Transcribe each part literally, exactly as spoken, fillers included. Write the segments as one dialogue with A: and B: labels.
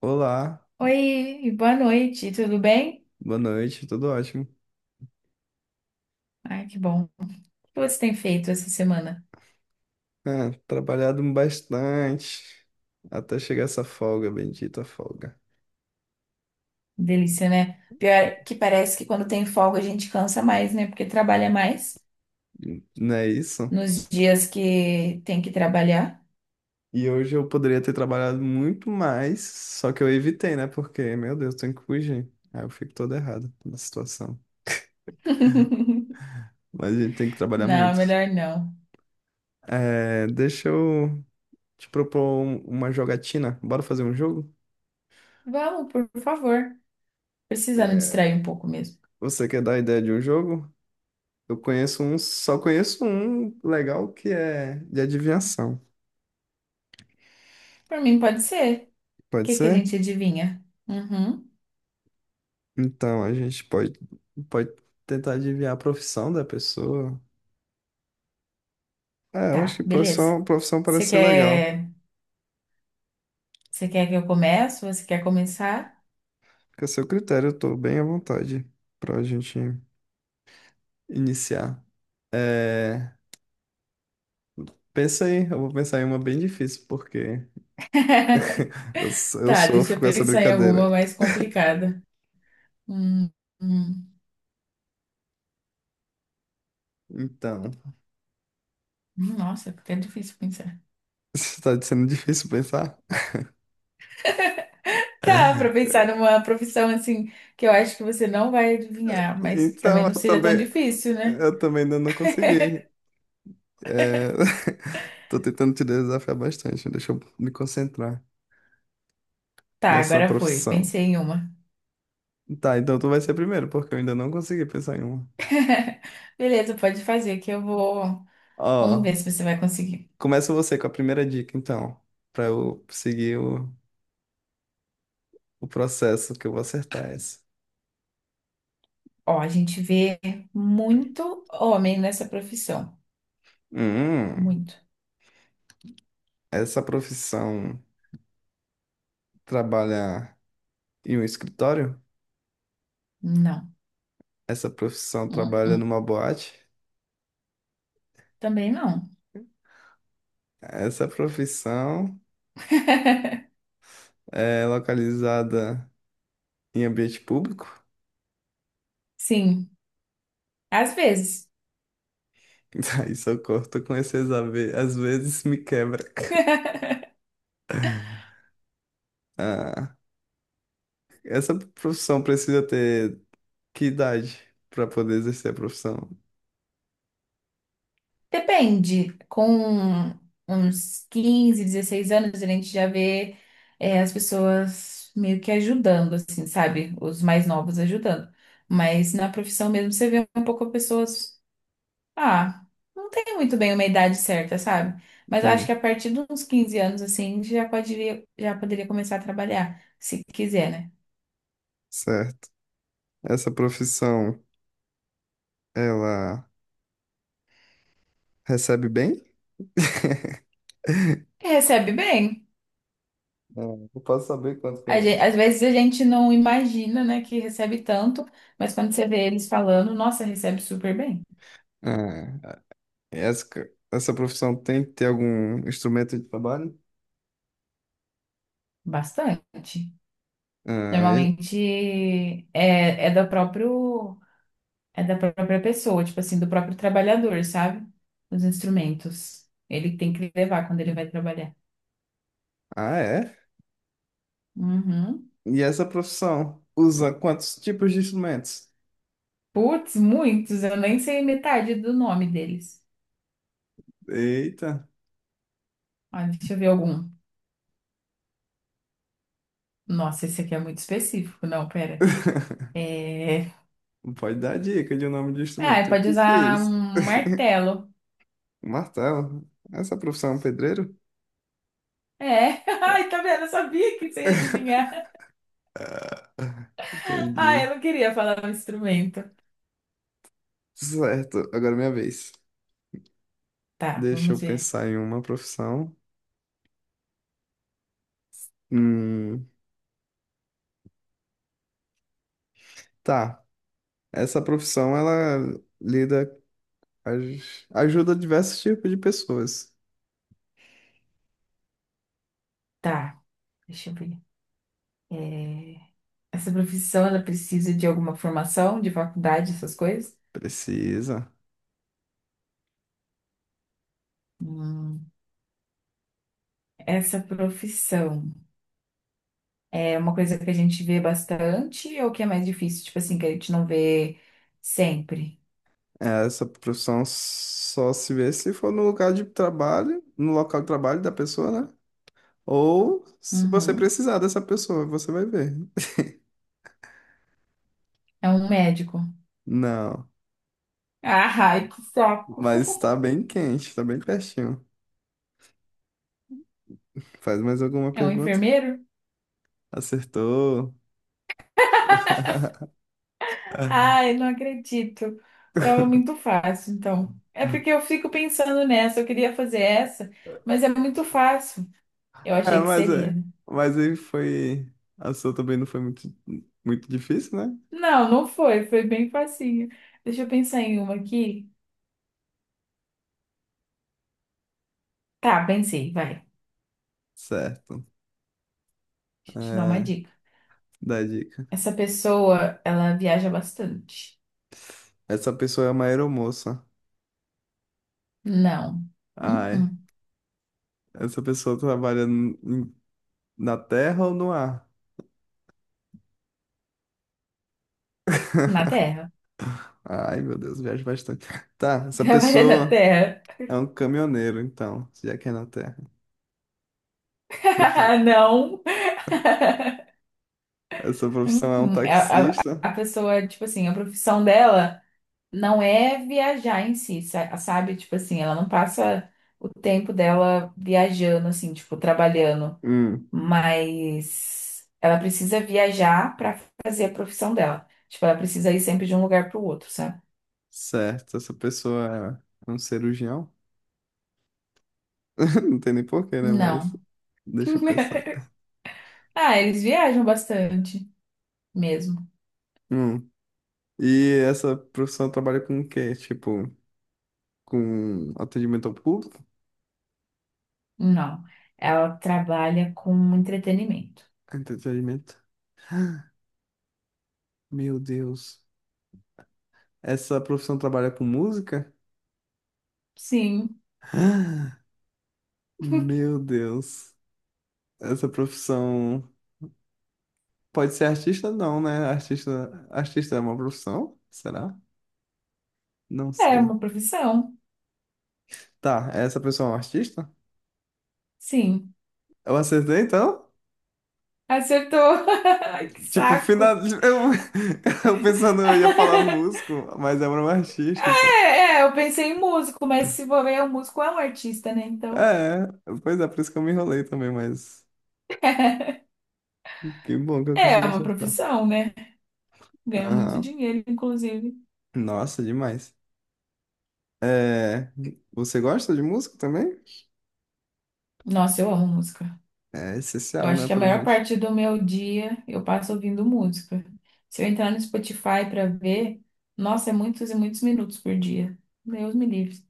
A: Olá,
B: Oi, e boa noite, tudo bem?
A: boa noite, tudo ótimo.
B: Ai, que bom. O que você tem feito essa semana?
A: Ah, trabalhado bastante até chegar essa folga, bendita folga.
B: Delícia, né? Pior que parece que quando tem folga a gente cansa mais, né? Porque trabalha mais
A: Não é isso?
B: nos dias que tem que trabalhar.
A: E hoje eu poderia ter trabalhado muito mais, só que eu evitei, né? Porque, meu Deus, tenho que fugir. Aí eu fico todo errado na situação. Mas a gente tem que trabalhar
B: Não,
A: muito.
B: melhor não.
A: É, deixa eu te propor um- uma jogatina. Bora fazer um jogo?
B: Vamos, por favor. Precisando distrair um pouco mesmo.
A: Você quer dar a ideia de um jogo? Eu conheço um, só conheço um legal que é de adivinhação.
B: Por mim, pode ser. O
A: Pode
B: que que a
A: ser?
B: gente adivinha? Uhum.
A: Então, a gente pode, pode tentar adivinhar a profissão da pessoa. É, eu acho
B: Tá,
A: que
B: beleza.
A: profissão, profissão
B: Você
A: parece ser legal.
B: quer, você quer que eu comece? Você quer começar?
A: Fica a seu critério, eu tô bem à vontade pra gente iniciar. É, pensa aí, eu vou pensar em uma bem difícil, porque eu, s- eu
B: Tá, deixa
A: sofro
B: eu
A: com essa
B: pensar em
A: brincadeira.
B: alguma mais complicada. Hum, hum.
A: Então,
B: Nossa, até é difícil pensar.
A: está sendo difícil pensar?
B: Tá, pra pensar numa profissão assim que eu acho que você não vai adivinhar, mas que
A: Então,
B: também não
A: eu
B: seja tão
A: também,
B: difícil, né?
A: eu também ainda não consegui. É, tô tentando te desafiar bastante, deixa eu me concentrar.
B: Tá,
A: Nessa
B: agora foi.
A: profissão?
B: Pensei em uma.
A: Tá, então tu vai ser primeiro, porque eu ainda não consegui pensar em uma.
B: Beleza, pode fazer que eu vou. Vamos ver
A: Ó,
B: se você vai conseguir.
A: começa você com a primeira dica, então, pra eu seguir o, o processo que eu vou acertar essa.
B: Ó, a gente vê muito homem nessa profissão.
A: Hum,
B: Muito.
A: essa profissão trabalha em um escritório?
B: Não.
A: Essa profissão
B: Hum,
A: trabalha
B: hum.
A: numa boate?
B: Também não.
A: Essa profissão é localizada em ambiente público?
B: Sim, às vezes.
A: Aí, socorro, tô com esses ave- às vezes me quebra. Ah, essa profissão precisa ter que idade para poder exercer a profissão?
B: Depende. Com uns quinze, dezesseis anos, a gente já vê, é, as pessoas meio que ajudando, assim, sabe? Os mais novos ajudando. Mas na profissão mesmo, você vê um pouco pessoas. Ah, não tem muito bem uma idade certa, sabe? Mas eu acho que
A: Hum,
B: a partir dos quinze anos, assim, já poderia, já poderia começar a trabalhar, se quiser, né?
A: certo. Essa profissão, ela recebe bem?
B: E recebe bem.
A: Não, não posso saber quanto que
B: A
A: eu...
B: gen- Às vezes a gente não imagina, né, que recebe tanto, mas quando você vê eles falando, nossa, recebe super bem.
A: Ah, essa, essa profissão tem que ter algum instrumento de trabalho?
B: Bastante.
A: Ah, e-
B: Normalmente é, é da próprio, é da própria pessoa, tipo assim, do próprio trabalhador, sabe? Os instrumentos. Ele tem que levar quando ele vai trabalhar.
A: ah, é?
B: Uhum.
A: E essa profissão usa quantos tipos de instrumentos?
B: Putz, muitos, eu nem sei metade do nome deles.
A: Eita,
B: Ah, deixa eu ver algum. Nossa, esse aqui é muito específico. Não, pera. É...
A: não pode dar dica de um nome de
B: Ah,
A: instrumento. O
B: pode
A: que que é
B: usar um
A: isso?
B: martelo.
A: Um martelo. Essa profissão é um pedreiro?
B: É. Ai, tá vendo? Eu sabia que você ia adivinhar. Ah,
A: Entendi.
B: eu não queria falar um instrumento.
A: Certo, agora é minha vez.
B: Tá,
A: Deixa eu
B: vamos ver.
A: pensar em uma profissão. Hum, tá. Essa profissão, ela lida, aj- ajuda diversos tipos de pessoas.
B: Tá. Deixa eu ver. É, Essa profissão, ela precisa de alguma formação, de faculdade, essas coisas?
A: Precisa.
B: Hum, Essa profissão é uma coisa que a gente vê bastante ou que é mais difícil? Tipo assim, que a gente não vê sempre.
A: É, essa profissão só se vê se for no lugar de trabalho, no local de trabalho da pessoa, né? Ou se você
B: Uhum.
A: precisar dessa pessoa, você vai ver.
B: É um médico.
A: Não,
B: Ah, ai, que saco.
A: mas tá bem quente, tá bem pertinho. Faz mais alguma
B: É um
A: pergunta?
B: enfermeiro?
A: Acertou.
B: Ai, não acredito. Tava muito fácil, então. É porque eu fico pensando nessa, eu queria fazer essa, mas é muito fácil. Eu
A: É,
B: achei que
A: mas
B: seria,
A: é.
B: né?
A: Mas aí foi. A sua também não foi muito, muito difícil, né?
B: Não, não foi. Foi bem facinho. Deixa eu pensar em uma aqui. Tá, pensei, vai. Deixa
A: Certo.
B: eu te dar uma
A: É,
B: dica.
A: dá dica.
B: Essa pessoa, ela viaja bastante.
A: Essa pessoa é uma aeromoça.
B: Não. Hum,
A: Ai.
B: hum.
A: Essa pessoa trabalha n- em- na terra ou no ar?
B: Na Terra.
A: Ai, meu Deus, viajo bastante. Tá, essa
B: Trabalha na
A: pessoa
B: Terra.
A: é um caminhoneiro, então, já que é na terra. Profi-
B: Não.
A: Essa profissão
B: Hum,
A: é um
B: hum. É, A, a,
A: taxista.
B: a pessoa, tipo assim, a profissão dela não é viajar em si, sa- sabe? Tipo assim, ela não passa o tempo dela viajando, assim, tipo, trabalhando.
A: Hum,
B: Mas ela precisa viajar para fazer a profissão dela. Tipo, ela precisa ir sempre de um lugar para o outro, sabe?
A: certo. Essa pessoa é um cirurgião. Não tem nem porquê, né? Mas
B: Não.
A: deixa eu pensar.
B: Ah, eles viajam bastante mesmo.
A: Hum. E essa profissão trabalha com o quê? Tipo, com atendimento ao público?
B: Não. Ela trabalha com entretenimento.
A: Entretenimento? Meu Deus. Essa profissão trabalha com música?
B: Sim,
A: Meu Deus. Essa profissão pode ser artista? Não, né? Artista, artista é uma profissão? Será? Não
B: é
A: sei.
B: uma profissão.
A: Tá, essa pessoa é um artista?
B: Sim.
A: Eu acertei então?
B: Acertou. Ai, que
A: Tipo, final...
B: saco.
A: eu, eu pensando eu ia falar músico, mas é um artista, então.
B: É, é, eu pensei em músico, mas se for ver, o músico é um artista, né? Então,
A: É, pois é, por isso que eu me enrolei também, mas que bom que eu
B: é
A: consegui
B: uma
A: acertar.
B: profissão, né? Ganha muito
A: Aham.
B: dinheiro, inclusive.
A: Nossa, demais. É, você gosta de música também?
B: Nossa, eu amo música.
A: É
B: Eu
A: essencial,
B: acho
A: né,
B: que a
A: pra
B: maior
A: gente.
B: parte do meu dia eu passo ouvindo música. Se eu entrar no Spotify para ver, nossa, é muitos e muitos minutos por dia. Deus me livre.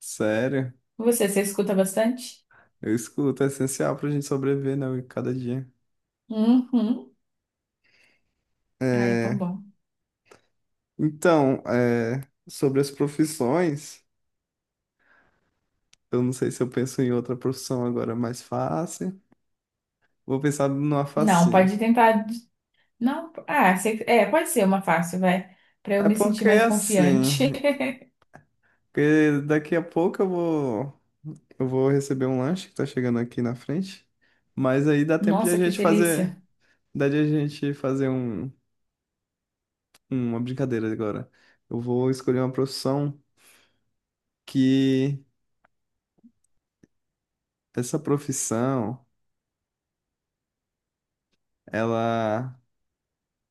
A: Sério,
B: Você, você escuta bastante?
A: eu escuto, é essencial pra gente sobreviver, né, cada dia.
B: Uhum. Ai, é tão
A: É,
B: bom.
A: então, é, sobre as profissões, eu não sei se eu penso em outra profissão agora mais fácil. Vou pensar numa
B: Não,
A: facinho.
B: pode tentar. Não, ah, você- é, pode ser uma fácil, vai. Para eu
A: É
B: me sentir
A: porque
B: mais confiante.
A: assim, porque daqui a pouco eu vou. Eu vou receber um lanche que tá chegando aqui na frente. Mas aí dá tempo de a
B: Nossa, que
A: gente fazer.
B: delícia.
A: Dá de a gente fazer um, uma brincadeira agora. Eu vou escolher uma profissão que essa profissão ela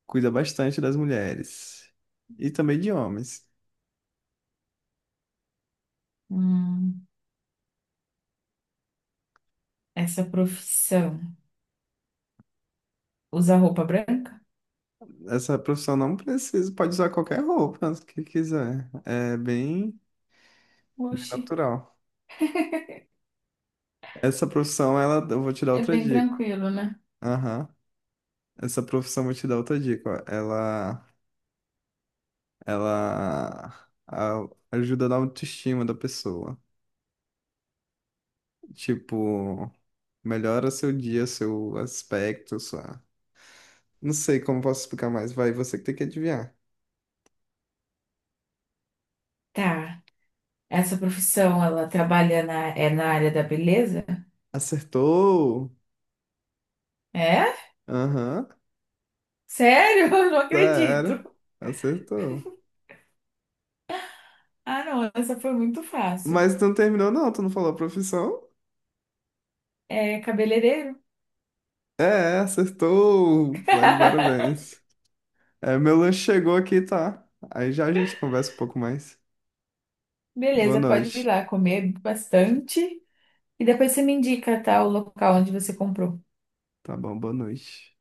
A: cuida bastante das mulheres e também de homens.
B: Hum, essa profissão. Usa roupa branca?
A: Essa profissão não precisa, pode usar qualquer roupa que quiser. É bem, bem
B: Oxi,
A: natural. Essa profissão, ela, eu vou te dar
B: é
A: outra
B: bem
A: dica.
B: tranquilo, né?
A: Aham. Essa profissão, vou te dar outra dica. Ó. Ela ela a- ajuda na autoestima da pessoa. Tipo, melhora seu dia, seu aspecto, sua. Não sei como posso explicar mais. Vai, você que tem que adivinhar.
B: Tá. Essa profissão, ela trabalha na, é na área da beleza?
A: Acertou!
B: É?
A: Aham,
B: Sério? Eu não
A: já era.
B: acredito.
A: Acertou.
B: Ah, não, essa foi muito fácil.
A: Mas tu não terminou, não. Tu não falou a profissão?
B: É cabeleireiro?
A: É, acertou! Tá de parabéns. É, meu lanche chegou aqui, tá? Aí já a gente conversa um pouco mais. Boa
B: Beleza, pode ir
A: noite.
B: lá comer bastante. E depois você me indica, tá, o local onde você comprou.
A: Tá bom, boa noite.